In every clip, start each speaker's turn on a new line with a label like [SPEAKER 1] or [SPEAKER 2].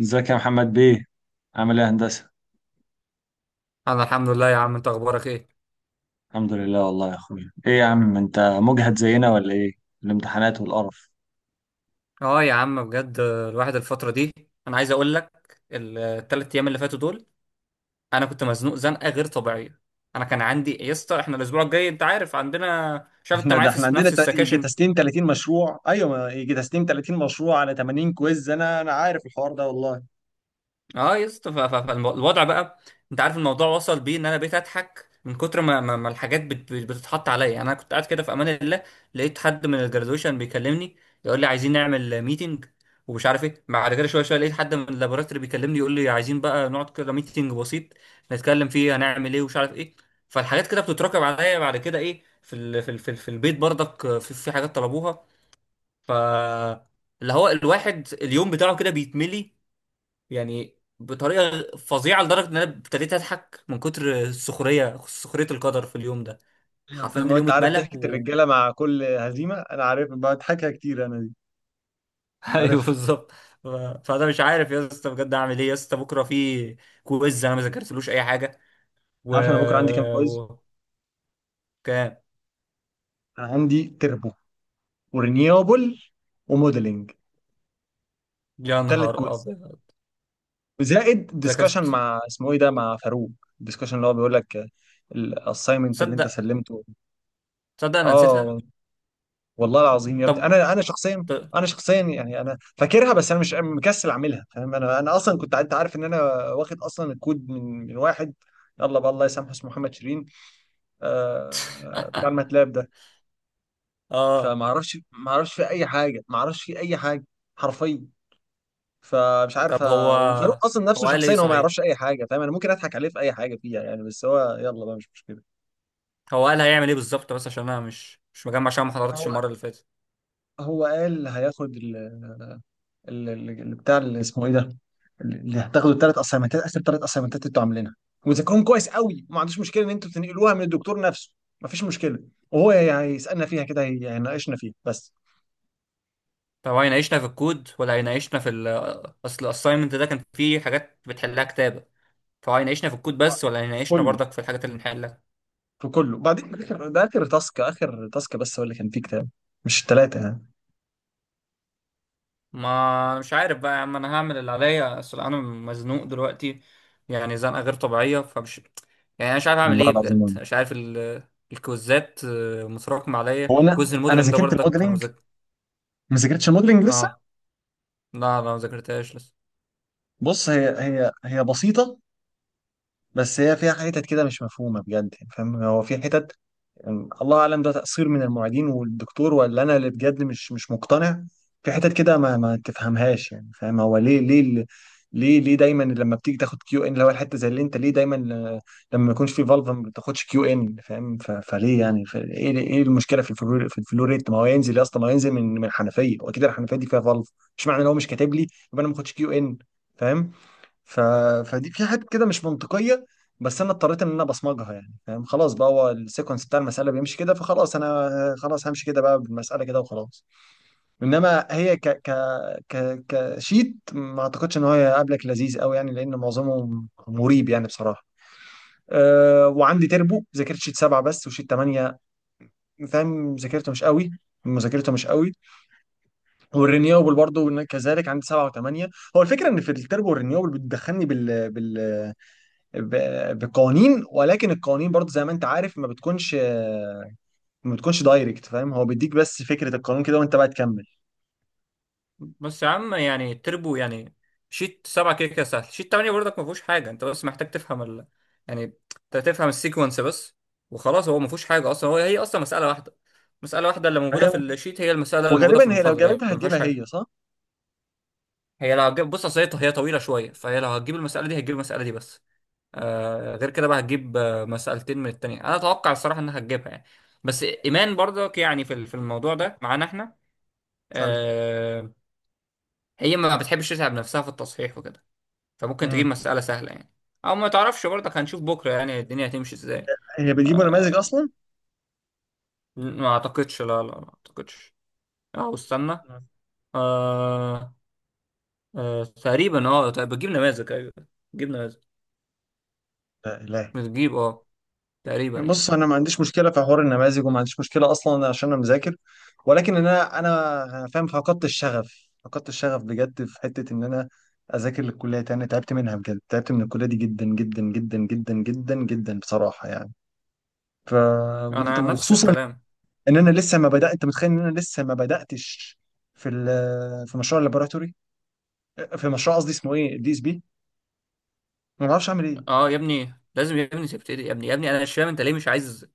[SPEAKER 1] ازيك يا محمد بيه؟ عامل ايه يا هندسة؟
[SPEAKER 2] انا الحمد لله يا عم. انت اخبارك ايه؟
[SPEAKER 1] الحمد لله والله يا اخويا. ايه يا عم، انت مجهد زينا ولا ايه؟ الامتحانات والقرف.
[SPEAKER 2] اه يا عم بجد الواحد الفتره دي انا عايز اقول لك، الثلاث ايام اللي فاتوا دول انا كنت مزنوق زنقه غير طبيعيه. انا كان عندي يا اسطى، احنا الاسبوع الجاي انت عارف عندنا، شايف انت
[SPEAKER 1] احنا
[SPEAKER 2] معايا
[SPEAKER 1] ده احنا
[SPEAKER 2] في
[SPEAKER 1] عندنا
[SPEAKER 2] نفس
[SPEAKER 1] يجي
[SPEAKER 2] السكاشن.
[SPEAKER 1] تسليم 30 مشروع. ايوه، ما يجي تسليم 30 مشروع على 80 كويز. انا عارف الحوار ده والله.
[SPEAKER 2] اه يا اسطى، فالوضع بقى انت عارف الموضوع وصل بيه ان انا بقيت اضحك من كتر ما الحاجات بتتحط عليا. يعني انا كنت قاعد كده في امان الله، لقيت حد من الجرادويشن بيكلمني يقول لي عايزين نعمل ميتنج ومش عارف ايه، بعد كده شويه شويه لقيت حد من اللابوراتوري بيكلمني يقول لي عايزين بقى نقعد كده ميتنج بسيط نتكلم فيه هنعمل ايه ومش عارف ايه. فالحاجات كده بتتراكم عليا، بعد كده ايه، في البيت برضك في حاجات طلبوها. ف اللي هو الواحد اليوم بتاعه كده بيتملي يعني بطريقه فظيعه، لدرجه ان انا ابتديت اضحك من كتر السخريه، سخريه القدر في اليوم ده.
[SPEAKER 1] ايوه
[SPEAKER 2] حرفيا
[SPEAKER 1] فاهم. هو
[SPEAKER 2] اليوم
[SPEAKER 1] انت عارف
[SPEAKER 2] اتملى
[SPEAKER 1] ضحكة
[SPEAKER 2] و
[SPEAKER 1] الرجالة مع كل هزيمة؟ انا عارف، بضحكها كتير انا دي.
[SPEAKER 2] ايوه
[SPEAKER 1] عارفها.
[SPEAKER 2] بالظبط. ف- فانا مش عارف يا اسطى بجد اعمل ايه. يا اسطى بكره في كويز انا ما ذاكرتلوش اي حاجه
[SPEAKER 1] انت
[SPEAKER 2] و,
[SPEAKER 1] عارف انا بكره عندي كام كويز؟
[SPEAKER 2] و... كام؟
[SPEAKER 1] انا عندي تربو ورينيوبل وموديلنج،
[SPEAKER 2] يا
[SPEAKER 1] الثلاث
[SPEAKER 2] نهار
[SPEAKER 1] كويز،
[SPEAKER 2] ابيض.
[SPEAKER 1] زائد ديسكشن
[SPEAKER 2] ذاكرت.
[SPEAKER 1] مع اسمه ايه ده، مع فاروق. الديسكشن اللي هو بيقول لك الاساينمنت اللي انت
[SPEAKER 2] تصدق،
[SPEAKER 1] سلمته.
[SPEAKER 2] تصدق انا نسيتها.
[SPEAKER 1] اه. والله العظيم يا ابني،
[SPEAKER 2] طب
[SPEAKER 1] انا شخصيا،
[SPEAKER 2] ط-
[SPEAKER 1] يعني انا فاكرها، بس انا مش مكسل اعملها، فاهم. انا اصلا كنت، انت عارف ان انا واخد اصلا الكود من واحد، يلا بقى الله يسامحه، اسمه محمد شيرين، آه بتاع الماتلاب ده.
[SPEAKER 2] اه
[SPEAKER 1] فما اعرفش ما اعرفش في اي حاجه، ما اعرفش في اي حاجه، حرفيا. فمش عارف
[SPEAKER 2] طب هو،
[SPEAKER 1] وفاروق اصلا
[SPEAKER 2] هو
[SPEAKER 1] نفسه
[SPEAKER 2] قال ايه
[SPEAKER 1] شخصيا هو ما
[SPEAKER 2] صحيح؟
[SPEAKER 1] يعرفش اي حاجه، فاهم. انا ممكن اضحك عليه في اي حاجه فيها يعني، بس هو يلا بقى مش مشكله.
[SPEAKER 2] هو قال هيعمل ايه بالظبط؟ بس عشان انا مش مجمع عشان ما
[SPEAKER 1] هو
[SPEAKER 2] حضرتش المره اللي فاتت.
[SPEAKER 1] هو قال هياخد بتاع اللي اسمه ايه ده، اللي هتاخدوا الثلاث اسايمنتات. اخر ثلاث اسايمنتات انتوا عاملينها، وذاكرهم كويس قوي، وما عندوش مشكله ان انتوا بتنقلوها من الدكتور نفسه. ما فيش مشكله. وهو هيسالنا فيها كده، هيناقشنا فيها بس.
[SPEAKER 2] طب هو هيناقشنا في الكود ولا هيناقشنا في ال، اصل الاساينمنت ده كان فيه حاجات بتحلها كتابة، فهو هيناقشنا في الكود بس ولا
[SPEAKER 1] في
[SPEAKER 2] هيناقشنا
[SPEAKER 1] كله
[SPEAKER 2] برضك في الحاجات اللي نحلها؟
[SPEAKER 1] في كله. بعدين ده آخر تاسك، اخر تاسك بس هو اللي كان فيه كتاب، مش الثلاثه يعني.
[SPEAKER 2] ما مش عارف بقى يا عم، انا هعمل اللي عليا اصل انا مزنوق دلوقتي، يعني زنقة غير طبيعية. فمش، يعني انا مش عارف اعمل
[SPEAKER 1] والله
[SPEAKER 2] ايه بجد،
[SPEAKER 1] العظيم.
[SPEAKER 2] مش عارف ال... الكوزات آه، متراكمة عليا.
[SPEAKER 1] هو انا
[SPEAKER 2] كوز
[SPEAKER 1] انا
[SPEAKER 2] الموديلنج ده
[SPEAKER 1] ذاكرت
[SPEAKER 2] برضك انا
[SPEAKER 1] الموديلنج،
[SPEAKER 2] مذاكر.
[SPEAKER 1] ما ذاكرتش الموديلنج لسه.
[SPEAKER 2] اه لا لا ما ذاكرتهاش لسه.
[SPEAKER 1] بص، هي بسيطه، بس هي فيها حتت كده مش مفهومه بجد يعني، فاهم. هو في حتت، يعني الله اعلم، ده تقصير من المعيدين والدكتور ولا انا اللي بجد مش مقتنع. في حتت كده ما تفهمهاش يعني، فاهم. هو ليه ليه ال- ليه ليه دايما لما بتيجي تاخد كيو ان، اللي هو الحته زي اللي انت، ليه دايما لما ما يكونش في فالف ما بتاخدش كيو ان، فاهم. فليه يعني ايه المشكله في الفلوريت؟ ما هو ينزل يا اسطى، ما هو ينزل من الحنفيه، واكيد الحنفيه دي فيها فالف. مش معنى ان هو مش كاتب لي يبقى انا ما باخدش كيو ان، فاهم. ف... فدي في حاجات كده مش منطقية. بس انا اضطريت ان انا بصمجها يعني، فاهم. خلاص بقى، هو السيكونس بتاع المسألة بيمشي كده، فخلاص انا خلاص همشي كده بقى بالمسألة كده وخلاص. انما هي ك ك ك كشيت. ما اعتقدش ان هو هيقابلك لذيذ قوي يعني، لان معظمه مريب يعني بصراحة. أه، وعندي تربو، ذاكرت شيت 7 بس وشيت 8، فاهم. ذاكرته مش قوي مذاكرته مش قوي. والرينيوبل برضه كذلك، عندي 7 و8. هو الفكرة ان في التربو والرينيوبل بتدخلني بقوانين، ولكن القوانين برضه زي ما انت عارف ما بتكونش دايركت، فاهم. هو بيديك بس فكرة القانون كده وانت بقى تكمل.
[SPEAKER 2] بس يا عم يعني التربو، يعني شيت سبعة كده كده سهل، شيت تمانية برضك ما فيهوش حاجة، انت بس محتاج تفهم ال... يعني انت تفهم السيكونس بس وخلاص، هو ما فيهوش حاجة اصلا. هو هي اصلا مسألة واحدة، مسألة واحدة اللي موجودة
[SPEAKER 1] فهي
[SPEAKER 2] في الشيت هي المسألة اللي موجودة في
[SPEAKER 1] وغالبا هي لو
[SPEAKER 2] المحاضرة، هي
[SPEAKER 1] جابتها
[SPEAKER 2] ما فيهاش
[SPEAKER 1] هتجيبها
[SPEAKER 2] حاجة.
[SPEAKER 1] هي، صح؟
[SPEAKER 2] هي لو هتجيب، بص اصل هي طويلة شوية، فهي لو هتجيب المسألة دي هتجيب المسألة دي بس. آه، غير كده بقى هتجيب آه، مسألتين من التانية. انا اتوقع الصراحة انها هتجيبها يعني. بس ايمان برضك يعني في الموضوع ده معانا احنا.
[SPEAKER 1] سالكة.
[SPEAKER 2] آه. هي ما بتحبش تتعب نفسها في التصحيح وكده، فممكن تجيب
[SPEAKER 1] امم
[SPEAKER 2] مسألة سهلة يعني. أو ما تعرفش برضك، هنشوف بكرة يعني الدنيا هتمشي إزاي.
[SPEAKER 1] هي بتجيبوا نماذج
[SPEAKER 2] آه.
[SPEAKER 1] اصلا؟
[SPEAKER 2] ما أعتقدش، لا لا ما أعتقدش. أو استنى،
[SPEAKER 1] مم.
[SPEAKER 2] آه آه، تقريبا أه. طيب بتجيب نماذج، أيوه بتجيب نماذج.
[SPEAKER 1] لا، لا.
[SPEAKER 2] بتجيب أه، تقريبا يعني.
[SPEAKER 1] بص، انا ما عنديش مشكلة في حوار النماذج وما عنديش مشكلة اصلا عشان انا مذاكر. ولكن انا فاهم، فقدت الشغف، فقدت الشغف بجد في حتة ان انا اذاكر للكلية تاني. تعبت منها بجد، تعبت من الكلية دي جدا جدا جدا جدا جدا جدا بصراحة يعني. ف
[SPEAKER 2] أنا نفس
[SPEAKER 1] وخصوصا
[SPEAKER 2] الكلام.
[SPEAKER 1] ان انا لسه ما بدات، انت متخيل ان انا لسه ما بداتش في في مشروع اللابوراتوري، في مشروع قصدي اسمه ايه، الـDSP. ما بعرفش اعمل ايه.
[SPEAKER 2] أه يا ابني لازم يا ابني تبتدي يا ابني، يا ابني أنا مش فاهم أنت ليه مش عايز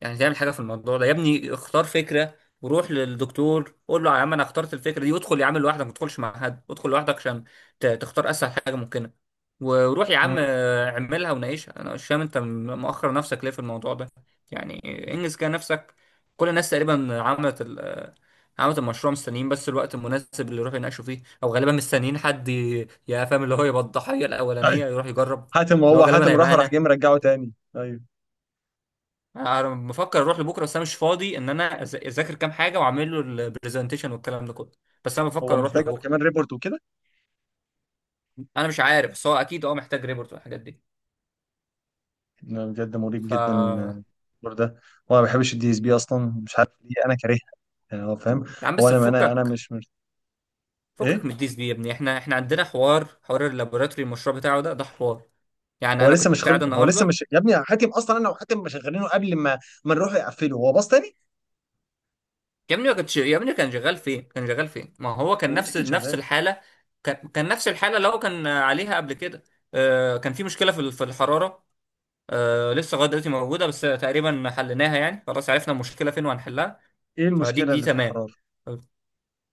[SPEAKER 2] يعني تعمل حاجة في الموضوع ده. يا ابني اختار فكرة وروح للدكتور قول له يا عم انا اخترت الفكرة دي، وادخل يا عم لوحدك ما تدخلش مع حد، ادخل لوحدك عشان تختار اسهل حاجة ممكنة، وروح يا عم
[SPEAKER 1] مم.
[SPEAKER 2] آه، اعملها وناقشها. انا مش فاهم انت مؤخر نفسك ليه في الموضوع ده. يعني انجز كده نفسك. كل الناس تقريبا عملت ال آه، عملت المشروع، مستنيين بس الوقت المناسب اللي يروح يناقشوا فيه، او غالبا مستنيين حد يا فاهم اللي هو يبقى الضحية
[SPEAKER 1] ايوه
[SPEAKER 2] الاولانية يروح يجرب.
[SPEAKER 1] حاتم،
[SPEAKER 2] اللي هو
[SPEAKER 1] هو
[SPEAKER 2] غالبا
[SPEAKER 1] حاتم راح،
[SPEAKER 2] هيبقى
[SPEAKER 1] وراح
[SPEAKER 2] انا.
[SPEAKER 1] جاي مرجعه تاني. ايوه.
[SPEAKER 2] انا بفكر اروح لبكره بس انا مش فاضي ان انا اذاكر كام حاجه واعمل له البرزنتيشن والكلام ده كله، بس انا
[SPEAKER 1] هو
[SPEAKER 2] بفكر اروح
[SPEAKER 1] محتاج هو
[SPEAKER 2] لبكره.
[SPEAKER 1] كمان ريبورت وكده.
[SPEAKER 2] انا مش عارف بس هو اكيد اه محتاج ريبورت والحاجات دي.
[SPEAKER 1] لا، بجد مريب جدا
[SPEAKER 2] يا
[SPEAKER 1] الريبورت ده. وانا ما بحبش الـDSP اصلا، مش عارف ليه، انا كارهها يعني. هو فاهم.
[SPEAKER 2] عم
[SPEAKER 1] هو
[SPEAKER 2] بس
[SPEAKER 1] انا
[SPEAKER 2] فكك،
[SPEAKER 1] مش.
[SPEAKER 2] فكك من
[SPEAKER 1] ايه.
[SPEAKER 2] الديس دي يا ابني. احنا عندنا حوار، حوار اللابوراتوري المشروع بتاعه ده ده حوار. يعني انا كنت قاعد
[SPEAKER 1] هو لسه
[SPEAKER 2] النهارده.
[SPEAKER 1] مش، يا ابني حاتم اصلا، انا وحاتم شغالينه قبل ما نروح يقفله هو باص تاني.
[SPEAKER 2] يا ابني ما كنتش، يا ابني كان شغال فين؟ كان شغال فين؟ ما هو كان
[SPEAKER 1] والله
[SPEAKER 2] نفس
[SPEAKER 1] كان
[SPEAKER 2] نفس
[SPEAKER 1] شغال.
[SPEAKER 2] الحاله، كان كان نفس الحاله اللي هو كان عليها قبل كده. آه، كان في مشكله في الحراره. آه لسه لغايه دلوقتي موجوده بس تقريبا حليناها، يعني خلاص عرفنا المشكله فين وهنحلها.
[SPEAKER 1] ايه
[SPEAKER 2] فدي
[SPEAKER 1] المشكلة
[SPEAKER 2] دي
[SPEAKER 1] اللي في
[SPEAKER 2] تمام.
[SPEAKER 1] الحرارة؟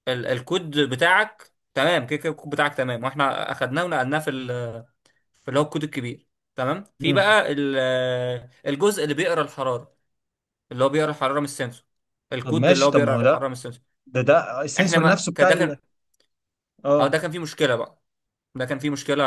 [SPEAKER 2] ال الكود بتاعك تمام، كده كده الكود بتاعك تمام، واحنا اخدناه ونقلناه في اللي هو الكود الكبير، تمام. في
[SPEAKER 1] مم.
[SPEAKER 2] بقى ال-، الجزء اللي بيقرا الحراره، اللي هو بيقرا الحراره من السنسور،
[SPEAKER 1] طب
[SPEAKER 2] الكود اللي
[SPEAKER 1] ماشي.
[SPEAKER 2] هو
[SPEAKER 1] طب ما هو
[SPEAKER 2] بيقرا
[SPEAKER 1] ده
[SPEAKER 2] الحراره من السنسور.
[SPEAKER 1] ده ده
[SPEAKER 2] احنا
[SPEAKER 1] السنسور
[SPEAKER 2] ما
[SPEAKER 1] نفسه
[SPEAKER 2] كان-
[SPEAKER 1] بتاع
[SPEAKER 2] ده كان، اه
[SPEAKER 1] اه.
[SPEAKER 2] ده كان فيه مشكله بقى، ده كان فيه مشكلة.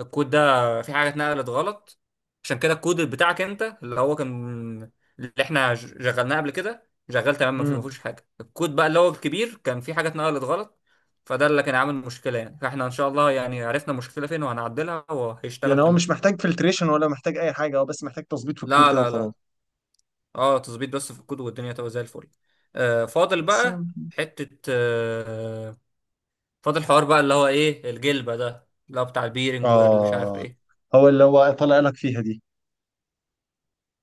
[SPEAKER 2] الكود ده في حاجة اتنقلت غلط، عشان كده الكود بتاعك انت اللي هو كان، اللي احنا شغلناه قبل كده شغال تمام، ما
[SPEAKER 1] مم.
[SPEAKER 2] فيهوش حاجة. الكود بقى اللي هو الكبير كان فيه حاجة اتنقلت غلط، فده اللي كان عامل مشكلة يعني. فاحنا ان شاء الله يعني عرفنا المشكلة فين وهنعدلها وهيشتغل
[SPEAKER 1] يعني هو
[SPEAKER 2] تمام.
[SPEAKER 1] مش محتاج فلتريشن ولا محتاج اي حاجة، هو بس محتاج تظبيط في الكود
[SPEAKER 2] لا
[SPEAKER 1] كده
[SPEAKER 2] لا
[SPEAKER 1] وخلاص؟
[SPEAKER 2] لا، اه تظبيط بس في الكود والدنيا تبقى زي الفل. آه فاضل
[SPEAKER 1] بس.
[SPEAKER 2] بقى حتة آه، فاضل حوار بقى اللي هو ايه الجلبة ده اللي هو بتاع البيرنج والمش عارف
[SPEAKER 1] اه،
[SPEAKER 2] ايه.
[SPEAKER 1] هو اللي هو طلع لك فيها دي.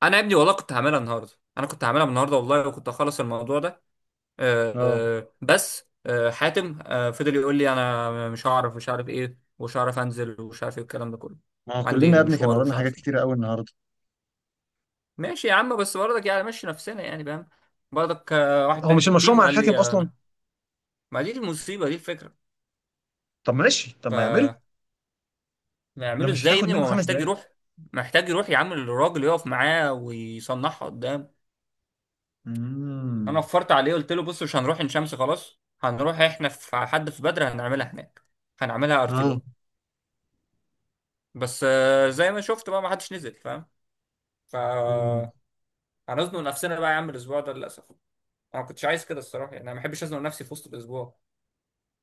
[SPEAKER 2] انا يا ابني والله كنت هعملها النهارده، انا كنت هعملها النهارده والله وكنت هخلص الموضوع ده. آه،
[SPEAKER 1] اه.
[SPEAKER 2] آه، بس آه، حاتم آه، فضل يقول لي انا مش هعرف، مش عارف ايه، ومش هعرف انزل، ومش عارف ايه الكلام ده كله.
[SPEAKER 1] ما هو كلنا يا
[SPEAKER 2] عندي
[SPEAKER 1] ابني كان
[SPEAKER 2] مشوار ومش
[SPEAKER 1] ورانا حاجات
[SPEAKER 2] عارف
[SPEAKER 1] كتيرة
[SPEAKER 2] ايه.
[SPEAKER 1] قوي النهارده.
[SPEAKER 2] ماشي يا عم بس برضك يعني مشي نفسنا يعني فاهم. برضك آه، واحد
[SPEAKER 1] هو
[SPEAKER 2] تاني
[SPEAKER 1] مش
[SPEAKER 2] في
[SPEAKER 1] المشروع
[SPEAKER 2] التيم
[SPEAKER 1] مع
[SPEAKER 2] قال
[SPEAKER 1] الحاتم
[SPEAKER 2] لي
[SPEAKER 1] اصلا؟
[SPEAKER 2] انا، ما دي المصيبه دي الفكره.
[SPEAKER 1] طب ماشي، طب
[SPEAKER 2] ف
[SPEAKER 1] ما يعمله، ده
[SPEAKER 2] نعمله
[SPEAKER 1] مش
[SPEAKER 2] ازاي يا
[SPEAKER 1] هتاخد
[SPEAKER 2] ابني؟ ما
[SPEAKER 1] منه
[SPEAKER 2] هو
[SPEAKER 1] خمس
[SPEAKER 2] محتاج
[SPEAKER 1] دقايق
[SPEAKER 2] يروح، محتاج يروح يعمل، الراجل يقف معاه ويصنعها قدامه. انا
[SPEAKER 1] امم.
[SPEAKER 2] وفرت عليه قلت له بص مش هنروح عين شمس، خلاص هنروح احنا في حد في بدر هنعملها هناك، هنعملها ارتيلون. بس آه، زي ما شفت بقى ما حدش نزل فاهم. ف
[SPEAKER 1] اه.
[SPEAKER 2] هنزنق نفسنا بقى يا عم الاسبوع ده للاسف. انا ما كنتش عايز كده الصراحه، يعني انا ما بحبش ازنق نفسي في وسط الاسبوع.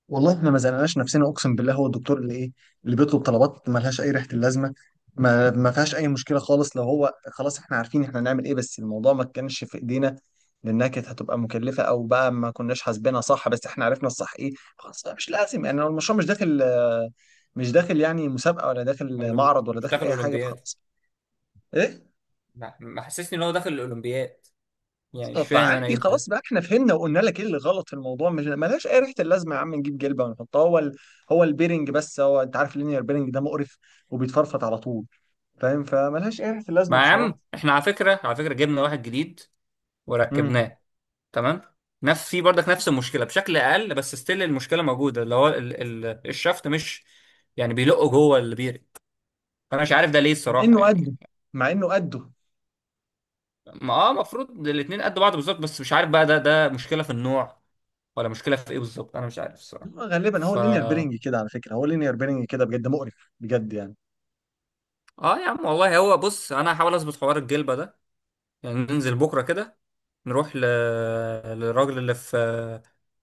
[SPEAKER 1] والله احنا ما زنقناش نفسنا، اقسم بالله. هو الدكتور اللي ايه، اللي بيطلب طلبات ما لهاش اي ريحه اللازمه. ما فيهاش اي مشكله خالص، لو هو خلاص احنا عارفين احنا هنعمل ايه، بس الموضوع ما كانش في ايدينا. لانها كانت هتبقى مكلفه، او بقى ما كناش حاسبينها صح. بس احنا عرفنا الصح ايه، خلاص بقى مش لازم يعني، هو المشروع مش داخل يعني مسابقه، ولا
[SPEAKER 2] أو
[SPEAKER 1] داخل
[SPEAKER 2] لم-
[SPEAKER 1] معرض، ولا
[SPEAKER 2] مش
[SPEAKER 1] داخل
[SPEAKER 2] داخل
[SPEAKER 1] اي حاجه،
[SPEAKER 2] اولمبياد،
[SPEAKER 1] فخلاص. ايه.
[SPEAKER 2] ما ما حسسني ان هو داخل الاولمبياد، يعني مش فاهم انا ايه
[SPEAKER 1] فعادي
[SPEAKER 2] ده.
[SPEAKER 1] خلاص بقى، احنا فهمنا وقلنا لك ايه اللي غلط في الموضوع. مش ملهاش اي ريحه اللازمه يا عم نجيب جلبه ونحطها، هو البيرنج بس. هو انت عارف اللينير بيرنج ده مقرف وبيتفرفط على طول، فاهم. فملهاش اي ريحه
[SPEAKER 2] ما
[SPEAKER 1] اللازمه
[SPEAKER 2] يا
[SPEAKER 1] بصراحه.
[SPEAKER 2] عم احنا على فكره، على فكره جبنا واحد جديد
[SPEAKER 1] امم.
[SPEAKER 2] وركبناه. تمام. نفس، في برضك نفس المشكله بشكل اقل بس ستيل المشكله موجوده، اللي هو ال الشفط مش، يعني بيلقوا جوه البير، فانا مش عارف ده ليه
[SPEAKER 1] مع
[SPEAKER 2] الصراحه
[SPEAKER 1] انه قده،
[SPEAKER 2] يعني.
[SPEAKER 1] مع انه قده.
[SPEAKER 2] ما اه المفروض الاتنين قد بعض بالظبط، بس مش عارف بقى ده، ده مشكله في النوع ولا مشكله في ايه بالظبط، انا مش عارف الصراحه.
[SPEAKER 1] هو غالبا، هو
[SPEAKER 2] ف
[SPEAKER 1] اللينير
[SPEAKER 2] اه
[SPEAKER 1] بيرنج كده على فكره، هو اللينير بيرنج كده بجد مقرف، بجد يعني.
[SPEAKER 2] يا عم والله، هو بص انا هحاول اظبط حوار الجلبه ده، يعني ننزل بكره كده نروح ل... للراجل اللي في،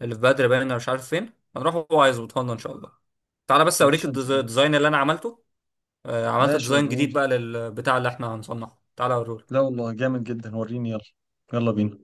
[SPEAKER 2] اللي في بدر، باين أنا مش عارف فين هنروح، هو هيظبطها لنا ان شاء الله. تعالى بس
[SPEAKER 1] يا
[SPEAKER 2] اوريك
[SPEAKER 1] باشا مش.
[SPEAKER 2] الديزاين اللي انا عملته، آه، عملت
[SPEAKER 1] ماشي
[SPEAKER 2] ديزاين
[SPEAKER 1] وريهولي.
[SPEAKER 2] جديد بقى للبتاع اللي احنا هنصنعه، تعالى
[SPEAKER 1] لا
[SPEAKER 2] اوريهولك.
[SPEAKER 1] والله، جامد جدا، وريني. يلا، يلا بينا.